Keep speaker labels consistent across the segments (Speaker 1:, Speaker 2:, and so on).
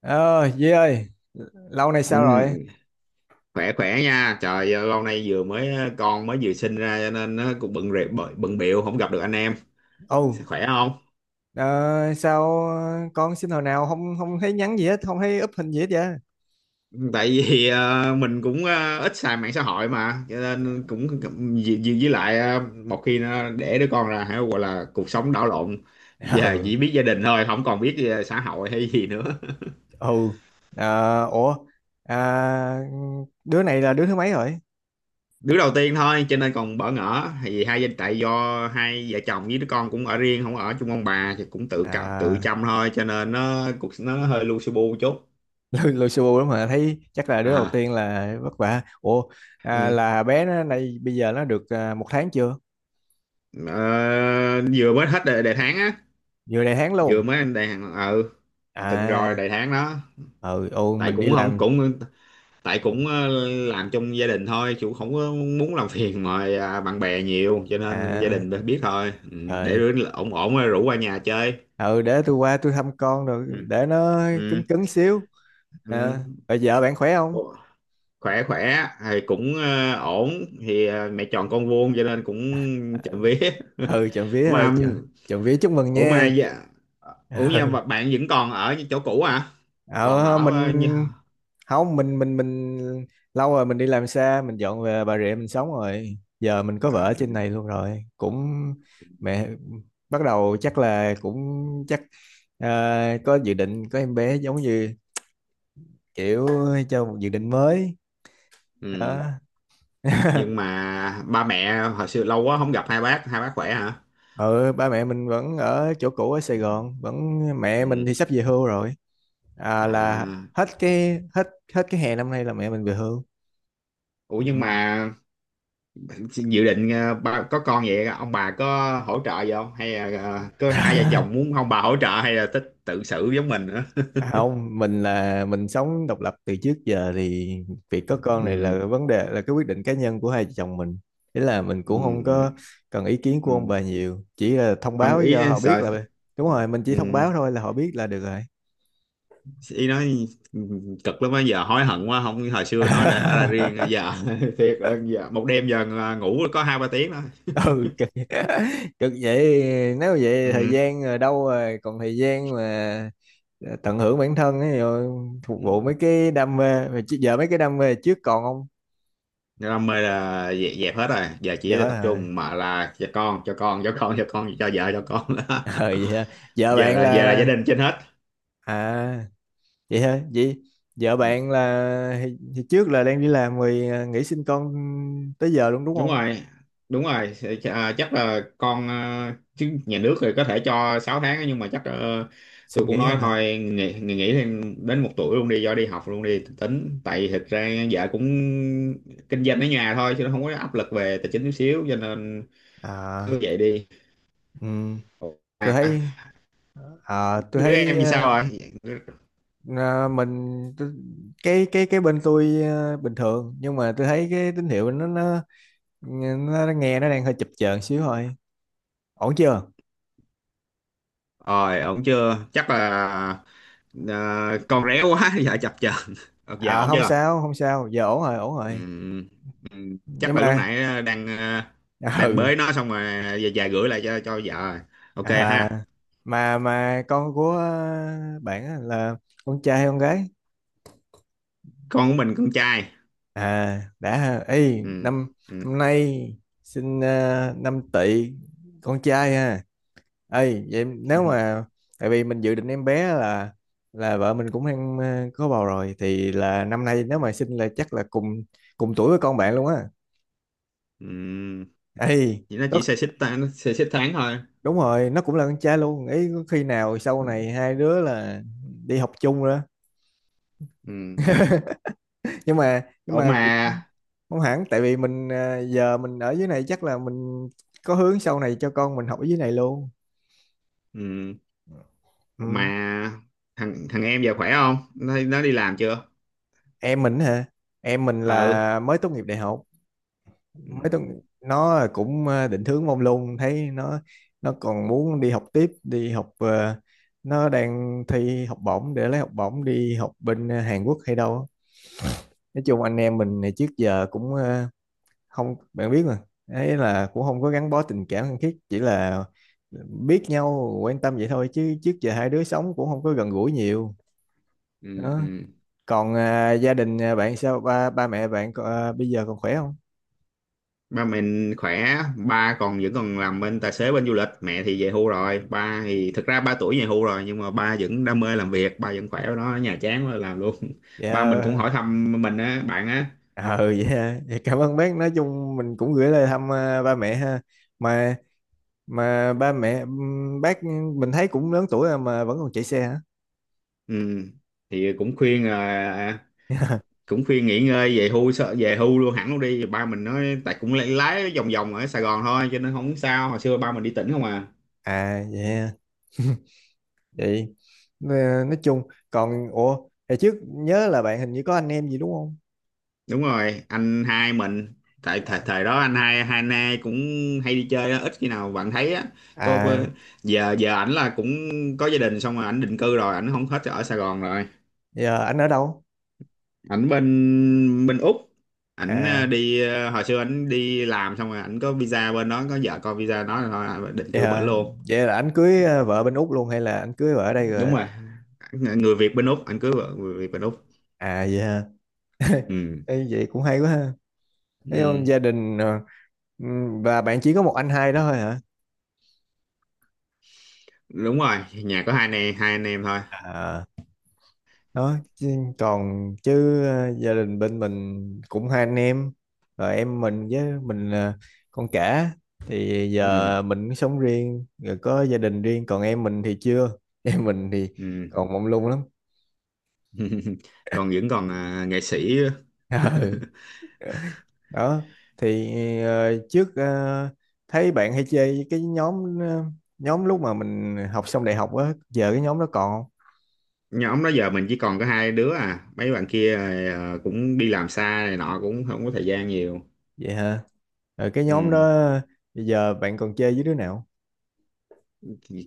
Speaker 1: Ờ, Duy ơi, lâu nay sao rồi?
Speaker 2: Ừ, khỏe khỏe nha trời ơi, lâu nay vừa mới con mới vừa sinh ra cho nên nó cũng bận rệp bận bận bịu không gặp được anh em.
Speaker 1: Ồ,
Speaker 2: Khỏe không?
Speaker 1: ờ, sao con xin hồi nào không không thấy nhắn gì hết, không thấy up hình gì hết vậy? Ừ,
Speaker 2: Tại vì mình cũng ít xài mạng xã hội mà cho nên cũng với lại một khi nó để đứa con ra hay gọi là cuộc sống đảo lộn. Giờ chỉ biết gia đình thôi, không còn biết xã hội hay gì nữa.
Speaker 1: ừ. Ủa, à, đứa này là đứa thứ mấy rồi?
Speaker 2: Đứa đầu tiên thôi cho nên còn bỡ ngỡ, thì hai gia tại do hai vợ chồng với đứa con cũng ở riêng, không ở chung ông bà thì cũng tự cạo tự
Speaker 1: À,
Speaker 2: chăm thôi cho nên nó cũng nó hơi lu su bu chút.
Speaker 1: lôi lôi xù lắm mà thấy chắc là đứa đầu
Speaker 2: À,
Speaker 1: tiên là vất vả. Ủa, à,
Speaker 2: ừ.
Speaker 1: là bé nó này bây giờ nó được một tháng chưa?
Speaker 2: Ờ, vừa mới hết đề, đề tháng á.
Speaker 1: Vừa đầy tháng
Speaker 2: Vừa
Speaker 1: luôn.
Speaker 2: mới đề hàng, ừ,
Speaker 1: À,
Speaker 2: từng rồi đề tháng đó. Tại
Speaker 1: mình đi
Speaker 2: cũng không
Speaker 1: làm.
Speaker 2: cũng tại cũng làm trong gia đình thôi chứ không có muốn làm phiền mà, à, bạn bè nhiều cho nên gia
Speaker 1: À,
Speaker 2: đình biết thôi. Ừ, để
Speaker 1: trời.
Speaker 2: đứa ổn ổn rồi rủ qua nhà chơi.
Speaker 1: Ừ, để tôi qua tôi thăm con rồi
Speaker 2: Ừ.
Speaker 1: để nó
Speaker 2: Ừ.
Speaker 1: cứng cứng xíu.
Speaker 2: Ừ.
Speaker 1: À, rồi vợ bạn khỏe không?
Speaker 2: Ủa, khỏe khỏe thì cũng ổn, thì mẹ chọn con vuông cho nên cũng
Speaker 1: À,
Speaker 2: chậm vía.
Speaker 1: ừ, trộm vía
Speaker 2: Ủa
Speaker 1: ha,
Speaker 2: mà,
Speaker 1: trộm vía chúc mừng
Speaker 2: ủa mà
Speaker 1: nha.
Speaker 2: dạ- ủa nha,
Speaker 1: Ừ,
Speaker 2: mà bạn vẫn còn ở chỗ cũ à? Còn
Speaker 1: ờ,
Speaker 2: ở
Speaker 1: mình
Speaker 2: như,
Speaker 1: không mình lâu rồi mình đi làm xa, mình dọn về Bà Rịa mình sống rồi, giờ mình có vợ ở trên
Speaker 2: à,
Speaker 1: này luôn rồi cũng mẹ bắt đầu chắc là chắc ờ, có dự định có em bé giống như kiểu cho một dự định mới
Speaker 2: ừ.
Speaker 1: đó.
Speaker 2: Nhưng mà ba mẹ hồi xưa, lâu quá không gặp hai bác, hai bác khỏe hả?
Speaker 1: Ừ, ba mẹ mình vẫn ở chỗ cũ ở Sài
Speaker 2: Ừ.
Speaker 1: Gòn, vẫn mẹ mình
Speaker 2: Ừ.
Speaker 1: thì sắp về hưu rồi. À, là
Speaker 2: À,
Speaker 1: hết cái hết hết cái hè năm nay là mẹ mình về hưu.
Speaker 2: ủa nhưng
Speaker 1: Ừ.
Speaker 2: mà dự định ba có con vậy ông bà có hỗ trợ gì không, hay là có hai vợ chồng muốn ông bà hỗ trợ, hay là thích tự xử giống mình nữa?
Speaker 1: À, không, mình là mình sống độc lập từ trước giờ thì việc có con này
Speaker 2: Ừ,
Speaker 1: là vấn đề, là cái quyết định cá nhân của hai vợ chồng mình, thế là mình
Speaker 2: ừ,
Speaker 1: cũng không
Speaker 2: ừ,
Speaker 1: có cần ý kiến của ông
Speaker 2: ừ.
Speaker 1: bà nhiều, chỉ là thông
Speaker 2: Ông
Speaker 1: báo cho
Speaker 2: ý
Speaker 1: họ biết
Speaker 2: sợ,
Speaker 1: là đúng rồi, mình chỉ thông
Speaker 2: ừ,
Speaker 1: báo thôi là họ biết là được rồi.
Speaker 2: ý nói cực lắm á, giờ hối hận quá không, hồi xưa nói đã ra riêng giờ thiệt. Giờ một đêm giờ à, ngủ có hai ba tiếng thôi.
Speaker 1: Ừ, cực, cực vậy nếu vậy thời
Speaker 2: Ừ.
Speaker 1: gian rồi đâu rồi còn thời gian mà tận hưởng bản thân ấy, rồi phục
Speaker 2: Ừ.
Speaker 1: vụ mấy cái đam mê, mà chứ giờ mấy cái đam mê trước còn không,
Speaker 2: Đam mê là dẹp, dẹp hết rồi, giờ
Speaker 1: giờ
Speaker 2: chỉ
Speaker 1: hết
Speaker 2: tập
Speaker 1: hả?
Speaker 2: trung mà là cho con, cho con, cho con, cho con, cho vợ, cho con.
Speaker 1: Ừ vậy hả, giờ
Speaker 2: Giờ
Speaker 1: bạn
Speaker 2: là giờ là gia
Speaker 1: là
Speaker 2: đình trên hết.
Speaker 1: à vậy hả, vậy giờ
Speaker 2: Ừ.
Speaker 1: bạn là thì, trước là đang đi làm rồi, nghỉ sinh con tới giờ luôn đúng
Speaker 2: Đúng
Speaker 1: không?
Speaker 2: rồi. Đúng rồi, à, chắc là con chứ nhà nước thì có thể cho 6 tháng á, nhưng mà chắc, ờ, tôi
Speaker 1: Xin
Speaker 2: cũng
Speaker 1: nghỉ
Speaker 2: nói
Speaker 1: hơn hả?
Speaker 2: thôi nghỉ nghỉ nghỉ thêm đến một tuổi luôn đi, do đi học luôn đi, tính tại thực ra vợ cũng kinh doanh ở nhà thôi chứ nó không có áp lực về tài chính chút xíu cho nên
Speaker 1: À,
Speaker 2: cứ vậy đi.
Speaker 1: ừ, tôi
Speaker 2: À,
Speaker 1: thấy à tôi
Speaker 2: đứa
Speaker 1: thấy
Speaker 2: em thì sao
Speaker 1: ờ,
Speaker 2: rồi?
Speaker 1: à, mình t- cái bên tôi bình thường nhưng mà tôi thấy cái tín hiệu nghe nó đang hơi chập chờn xíu thôi. Ổn chưa?
Speaker 2: Rồi ổn chưa? Chắc là ờ, con réo quá giờ chập chờn. Giờ
Speaker 1: À,
Speaker 2: ổn
Speaker 1: không
Speaker 2: chưa?
Speaker 1: sao không sao, giờ ổn rồi ổn rồi.
Speaker 2: Ừm,
Speaker 1: Nhưng
Speaker 2: chắc là lúc
Speaker 1: mà
Speaker 2: nãy đang đang
Speaker 1: ừ.
Speaker 2: bới nó xong rồi về về gửi lại cho vợ. Ok
Speaker 1: À,
Speaker 2: ha.
Speaker 1: mà con của bạn á là con trai hay con gái?
Speaker 2: Con của mình con trai.
Speaker 1: À đã ha. Ê,
Speaker 2: Ừm,
Speaker 1: năm
Speaker 2: ừm,
Speaker 1: năm nay sinh năm tỵ, con trai ha. Ấy vậy nếu
Speaker 2: ừm.
Speaker 1: mà tại vì mình dự định em bé là vợ mình cũng đang có bầu rồi, thì là năm nay nếu mà sinh là chắc là cùng cùng tuổi với con bạn luôn á.
Speaker 2: Ừm.
Speaker 1: Ấy
Speaker 2: Vậy nó
Speaker 1: có
Speaker 2: chỉ xê xích ta- nó xê xích tháng thôi.
Speaker 1: đúng rồi, nó cũng là con trai luôn. Ý có khi nào sau này hai đứa là đi học chung rồi đó.
Speaker 2: Ừm.
Speaker 1: Nhưng
Speaker 2: Ủa
Speaker 1: mà cũng không hẳn, tại vì mình giờ mình ở dưới này chắc là mình có hướng sau này cho con mình học ở dưới này luôn.
Speaker 2: ừm, mà
Speaker 1: Ừ.
Speaker 2: thằng thằng em giờ khỏe không, nó nó đi làm chưa?
Speaker 1: Em mình hả? Em mình
Speaker 2: Ừ.
Speaker 1: là mới tốt nghiệp đại học mấy
Speaker 2: Ừm,
Speaker 1: tuần, nó cũng định hướng mông lung, thấy nó còn muốn đi học tiếp, đi học nó đang thi học bổng để lấy học bổng đi học bên Hàn Quốc hay đâu á. Nói chung anh em mình này trước giờ cũng không, bạn biết mà, ấy là cũng không có gắn bó tình cảm thân thiết, chỉ là biết nhau quan tâm vậy thôi, chứ trước giờ hai đứa sống cũng không có gần gũi nhiều đó.
Speaker 2: ừm.
Speaker 1: Còn gia đình bạn sao, ba ba mẹ bạn có- bây giờ còn khỏe không?
Speaker 2: Ba mình khỏe, ba còn vẫn còn làm bên tài xế bên du lịch, mẹ thì về hưu rồi, ba thì thực ra ba tuổi về hưu rồi nhưng mà ba vẫn đam mê làm việc, ba vẫn khỏe, ở đó ở nhà chán quá làm luôn. Ba mình cũng
Speaker 1: Dạ,
Speaker 2: hỏi thăm mình á, bạn á.
Speaker 1: ờ vậy ha. Cảm ơn bác, nói chung mình cũng gửi lời thăm ba mẹ ha. Mà mà ba mẹ bác mình thấy cũng lớn tuổi rồi mà vẫn còn chạy xe hả?
Speaker 2: Ừ. Thì cũng khuyên à, cũng khuyên nghỉ ngơi về hưu, sợ về hưu luôn hẳn luôn đi, ba mình nói tại cũng lái lái vòng vòng ở Sài Gòn thôi cho nên không sao, hồi xưa ba mình đi tỉnh không à.
Speaker 1: À vậy ha. Vậy nè, nói chung còn ủa hồi trước nhớ là bạn hình như có anh em gì đúng không?
Speaker 2: Đúng rồi, anh hai mình, tại thời
Speaker 1: À,
Speaker 2: thời đó anh hai, hai anh hai cũng hay đi chơi á, ít khi nào bạn thấy á. Có-
Speaker 1: à
Speaker 2: giờ giờ ảnh là cũng có gia đình xong rồi ảnh định cư rồi, ảnh không hết ở Sài Gòn rồi.
Speaker 1: giờ anh ở đâu?
Speaker 2: Ảnh bên bên Úc, ảnh
Speaker 1: À
Speaker 2: đi hồi xưa ảnh đi làm xong rồi ảnh có visa bên đó, có vợ con visa đó rồi thôi ảnh định
Speaker 1: vậy
Speaker 2: cư bển
Speaker 1: hả,
Speaker 2: luôn.
Speaker 1: vậy là anh cưới vợ bên Úc luôn hay là anh cưới vợ ở đây rồi?
Speaker 2: Đúng rồi, Ng- người Việt bên Úc, ảnh cưới vợ người Việt bên Úc.
Speaker 1: À vậy hả.
Speaker 2: Ừ.
Speaker 1: Ê, vậy cũng hay quá ha. Thấy không?
Speaker 2: Ừ.
Speaker 1: Gia đình và bạn chỉ có một anh hai đó thôi hả?
Speaker 2: Đúng rồi, nhà có hai anh em, hai anh em thôi.
Speaker 1: À, đó chứ còn chứ gia đình bên mình cũng hai anh em, rồi em mình với mình là con cả, thì
Speaker 2: Ừ.
Speaker 1: giờ mình cũng sống riêng rồi có gia đình riêng, còn em mình thì chưa. Em mình thì
Speaker 2: Ừ.
Speaker 1: còn mông lung lắm.
Speaker 2: Còn vẫn còn à, nghệ sĩ.
Speaker 1: Ừ, đó thì ờ, trước ờ, thấy bạn hay chơi với cái nhóm nhóm lúc mà mình học xong đại học á, giờ cái nhóm đó còn không?
Speaker 2: Nhóm đó giờ mình chỉ còn có hai đứa à, mấy bạn kia à, cũng đi làm xa này nọ, cũng không có thời gian nhiều.
Speaker 1: Vậy hả? Ờ, cái nhóm đó
Speaker 2: Ừ.
Speaker 1: bây giờ bạn còn chơi với đứa nào?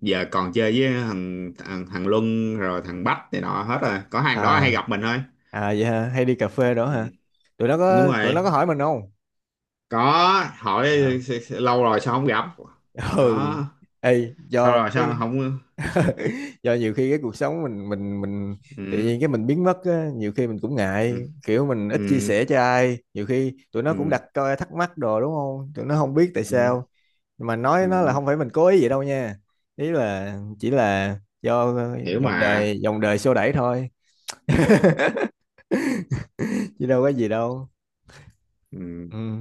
Speaker 2: Giờ còn chơi với thằng thằng, thằng Luân rồi thằng Bách này nọ, hết rồi có hàng đó hay
Speaker 1: À,
Speaker 2: gặp mình thôi.
Speaker 1: à vậy hả? Hay đi cà phê đó hả?
Speaker 2: Ừ.
Speaker 1: Tụi nó
Speaker 2: Đúng
Speaker 1: có
Speaker 2: rồi,
Speaker 1: hỏi mình không?
Speaker 2: có hỏi
Speaker 1: À,
Speaker 2: lâu rồi sao không gặp
Speaker 1: ừ.
Speaker 2: đó,
Speaker 1: Ê,
Speaker 2: sao rồi sao không, ừ.
Speaker 1: do nhiều khi cái cuộc sống mình tự nhiên cái mình biến mất á, nhiều khi mình cũng
Speaker 2: Ừ.
Speaker 1: ngại, kiểu mình ít chia
Speaker 2: Ừ.
Speaker 1: sẻ cho ai, nhiều khi tụi nó cũng
Speaker 2: Ừ.
Speaker 1: đặt coi thắc mắc đồ đúng không? Tụi nó không biết tại
Speaker 2: Ừ. Ừ.
Speaker 1: sao. Nhưng mà nói nó là
Speaker 2: Ừ,
Speaker 1: không phải mình cố ý vậy đâu nha. Ý là chỉ là do
Speaker 2: hiểu mà.
Speaker 1: dòng đời xô đẩy thôi, chứ đâu có gì đâu.
Speaker 2: Ừ.
Speaker 1: Ừ.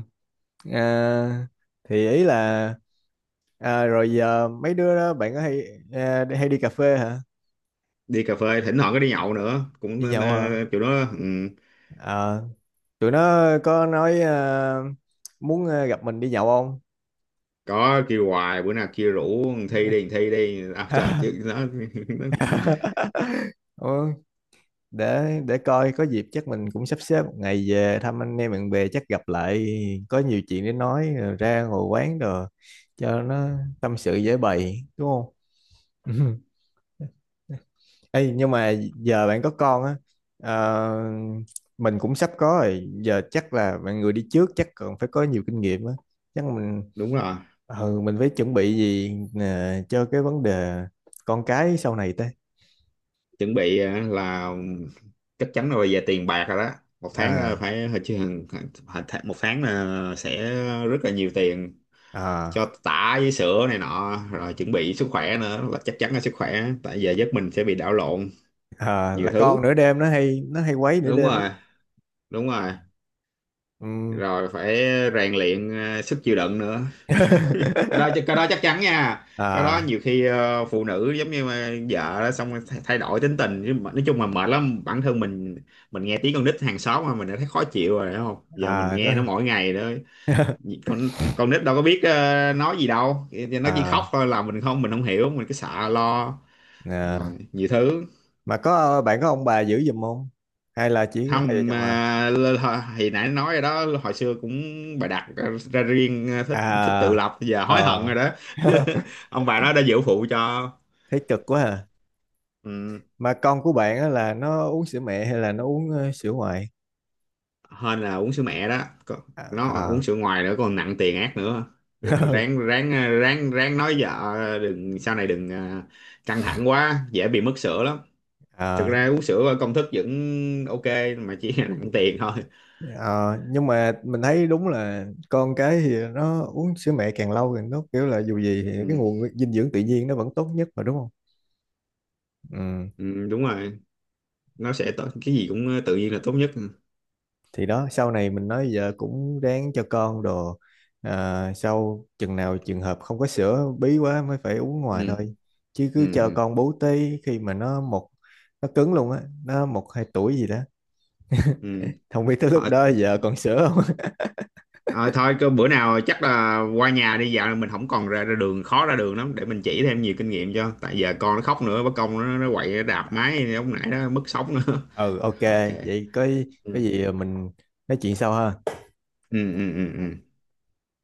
Speaker 1: À, thì ý là rồi giờ mấy đứa đó bạn có hay hay đi cà phê hả?
Speaker 2: Đi cà phê thỉnh thoảng, có đi nhậu nữa cũng
Speaker 1: Đi nhậu hả?
Speaker 2: kiểu đó. Ừ.
Speaker 1: À, tụi nó có nói muốn gặp mình đi nhậu không?
Speaker 2: Có kêu hoài, bữa nào kêu rủ thằng thi đi, thằng thi đi, à, trời chứ nó, nó.
Speaker 1: Ừ, để coi có dịp chắc mình cũng sắp xếp một ngày về thăm anh em bạn bè, chắc gặp lại có nhiều chuyện để nói, rồi ra ngồi quán rồi cho nó tâm sự dễ bày đúng không? Ê, nhưng mà giờ bạn có con á, ờ, mình cũng sắp có rồi, giờ chắc là bạn người đi trước chắc còn phải có nhiều kinh nghiệm á, chắc mình
Speaker 2: Đúng rồi,
Speaker 1: ừ, mình phải chuẩn bị gì nè, cho cái vấn đề con cái sau này ta?
Speaker 2: chuẩn bị là chắc chắn là về tiền bạc rồi đó. Một tháng
Speaker 1: à
Speaker 2: phải hồi chứ, một tháng là sẽ rất là nhiều tiền
Speaker 1: à
Speaker 2: cho tả với sữa này nọ, rồi chuẩn bị sức khỏe nữa, là chắc chắn là sức khỏe, tại giờ giấc mình sẽ bị đảo lộn
Speaker 1: À,
Speaker 2: nhiều
Speaker 1: là
Speaker 2: thứ.
Speaker 1: con nửa đêm nó hay quấy nửa
Speaker 2: Đúng
Speaker 1: đêm lắm.
Speaker 2: rồi. Đúng rồi.
Speaker 1: Ừm.
Speaker 2: Rồi phải rèn luyện sức chịu đựng nữa. Cái đó cái đó chắc chắn nha. Cái đó
Speaker 1: à
Speaker 2: nhiều khi phụ nữ giống như mà vợ đó, xong rồi thay thay đổi tính tình chứ mà- nói chung là mệt lắm. Bản thân mình nghe tiếng con nít hàng xóm mà mình đã thấy khó chịu rồi đúng không, giờ mình
Speaker 1: có.
Speaker 2: nghe nó mỗi ngày đó. con con nít đâu có biết nói gì đâu, nó chỉ khóc
Speaker 1: à,
Speaker 2: thôi là mình không, mình không hiểu, mình cứ sợ lo
Speaker 1: à
Speaker 2: rồi nhiều thứ.
Speaker 1: mà có bạn có ông bà giữ giùm không hay là chỉ hai vợ
Speaker 2: Không
Speaker 1: chồng à?
Speaker 2: à, l- h- thì nãy nói rồi đó, hồi xưa cũng bà đặt ra riêng à, thích thích tự
Speaker 1: À,
Speaker 2: lập, giờ hối hận
Speaker 1: ờ.
Speaker 2: rồi đó. Ông bà nó đã giữ phụ cho.
Speaker 1: Thấy cực quá à.
Speaker 2: Ừ,
Speaker 1: Mà con của bạn á là nó uống sữa mẹ hay là nó uống sữa ngoại?
Speaker 2: hên là uống sữa mẹ đó. Còn- nó
Speaker 1: À,
Speaker 2: uống
Speaker 1: à,
Speaker 2: sữa ngoài nữa còn nặng tiền ác nữa. Ráng ráng à, ráng ráng nói vợ đừng sau này đừng à, căng thẳng quá dễ bị mất sữa lắm. Thực
Speaker 1: À,
Speaker 2: ra uống sữa ở công thức vẫn ok, mà chỉ là nặng tiền thôi.
Speaker 1: à, nhưng mà mình thấy đúng là con cái thì nó uống sữa mẹ càng lâu thì nó kiểu là dù gì thì cái
Speaker 2: ừ,
Speaker 1: nguồn dinh dưỡng tự nhiên nó vẫn tốt nhất mà đúng không? Ừ.
Speaker 2: ừ, đúng rồi, nó sẽ tốt, cái gì cũng tự nhiên là tốt nhất. Ừ.
Speaker 1: Thì đó sau này mình nói giờ cũng ráng cho con đồ, sau chừng nào trường hợp không có sữa bí quá mới phải uống
Speaker 2: Ừ.
Speaker 1: ngoài thôi. Chứ
Speaker 2: Ừ.
Speaker 1: cứ chờ
Speaker 2: Ừ.
Speaker 1: con bú tí khi mà nó một nó cứng luôn á, nó một hai tuổi gì đó
Speaker 2: Ừ.
Speaker 1: không biết tới lúc
Speaker 2: Ờ,
Speaker 1: đó giờ còn sửa không.
Speaker 2: ờ, thôi cứ bữa nào chắc là qua nhà đi dạo, mình không còn ra, ra đường, khó ra đường lắm, để mình chỉ thêm nhiều kinh nghiệm cho, tại giờ con nó khóc nữa bất công nó quậy nó đạp máy lúc nãy đó mất sóng nữa.
Speaker 1: Ừ, ok.
Speaker 2: Ok.
Speaker 1: Vậy có
Speaker 2: Ừ.
Speaker 1: cái gì mình nói chuyện sau ha.
Speaker 2: Ừ, ừ, ừ, ừ.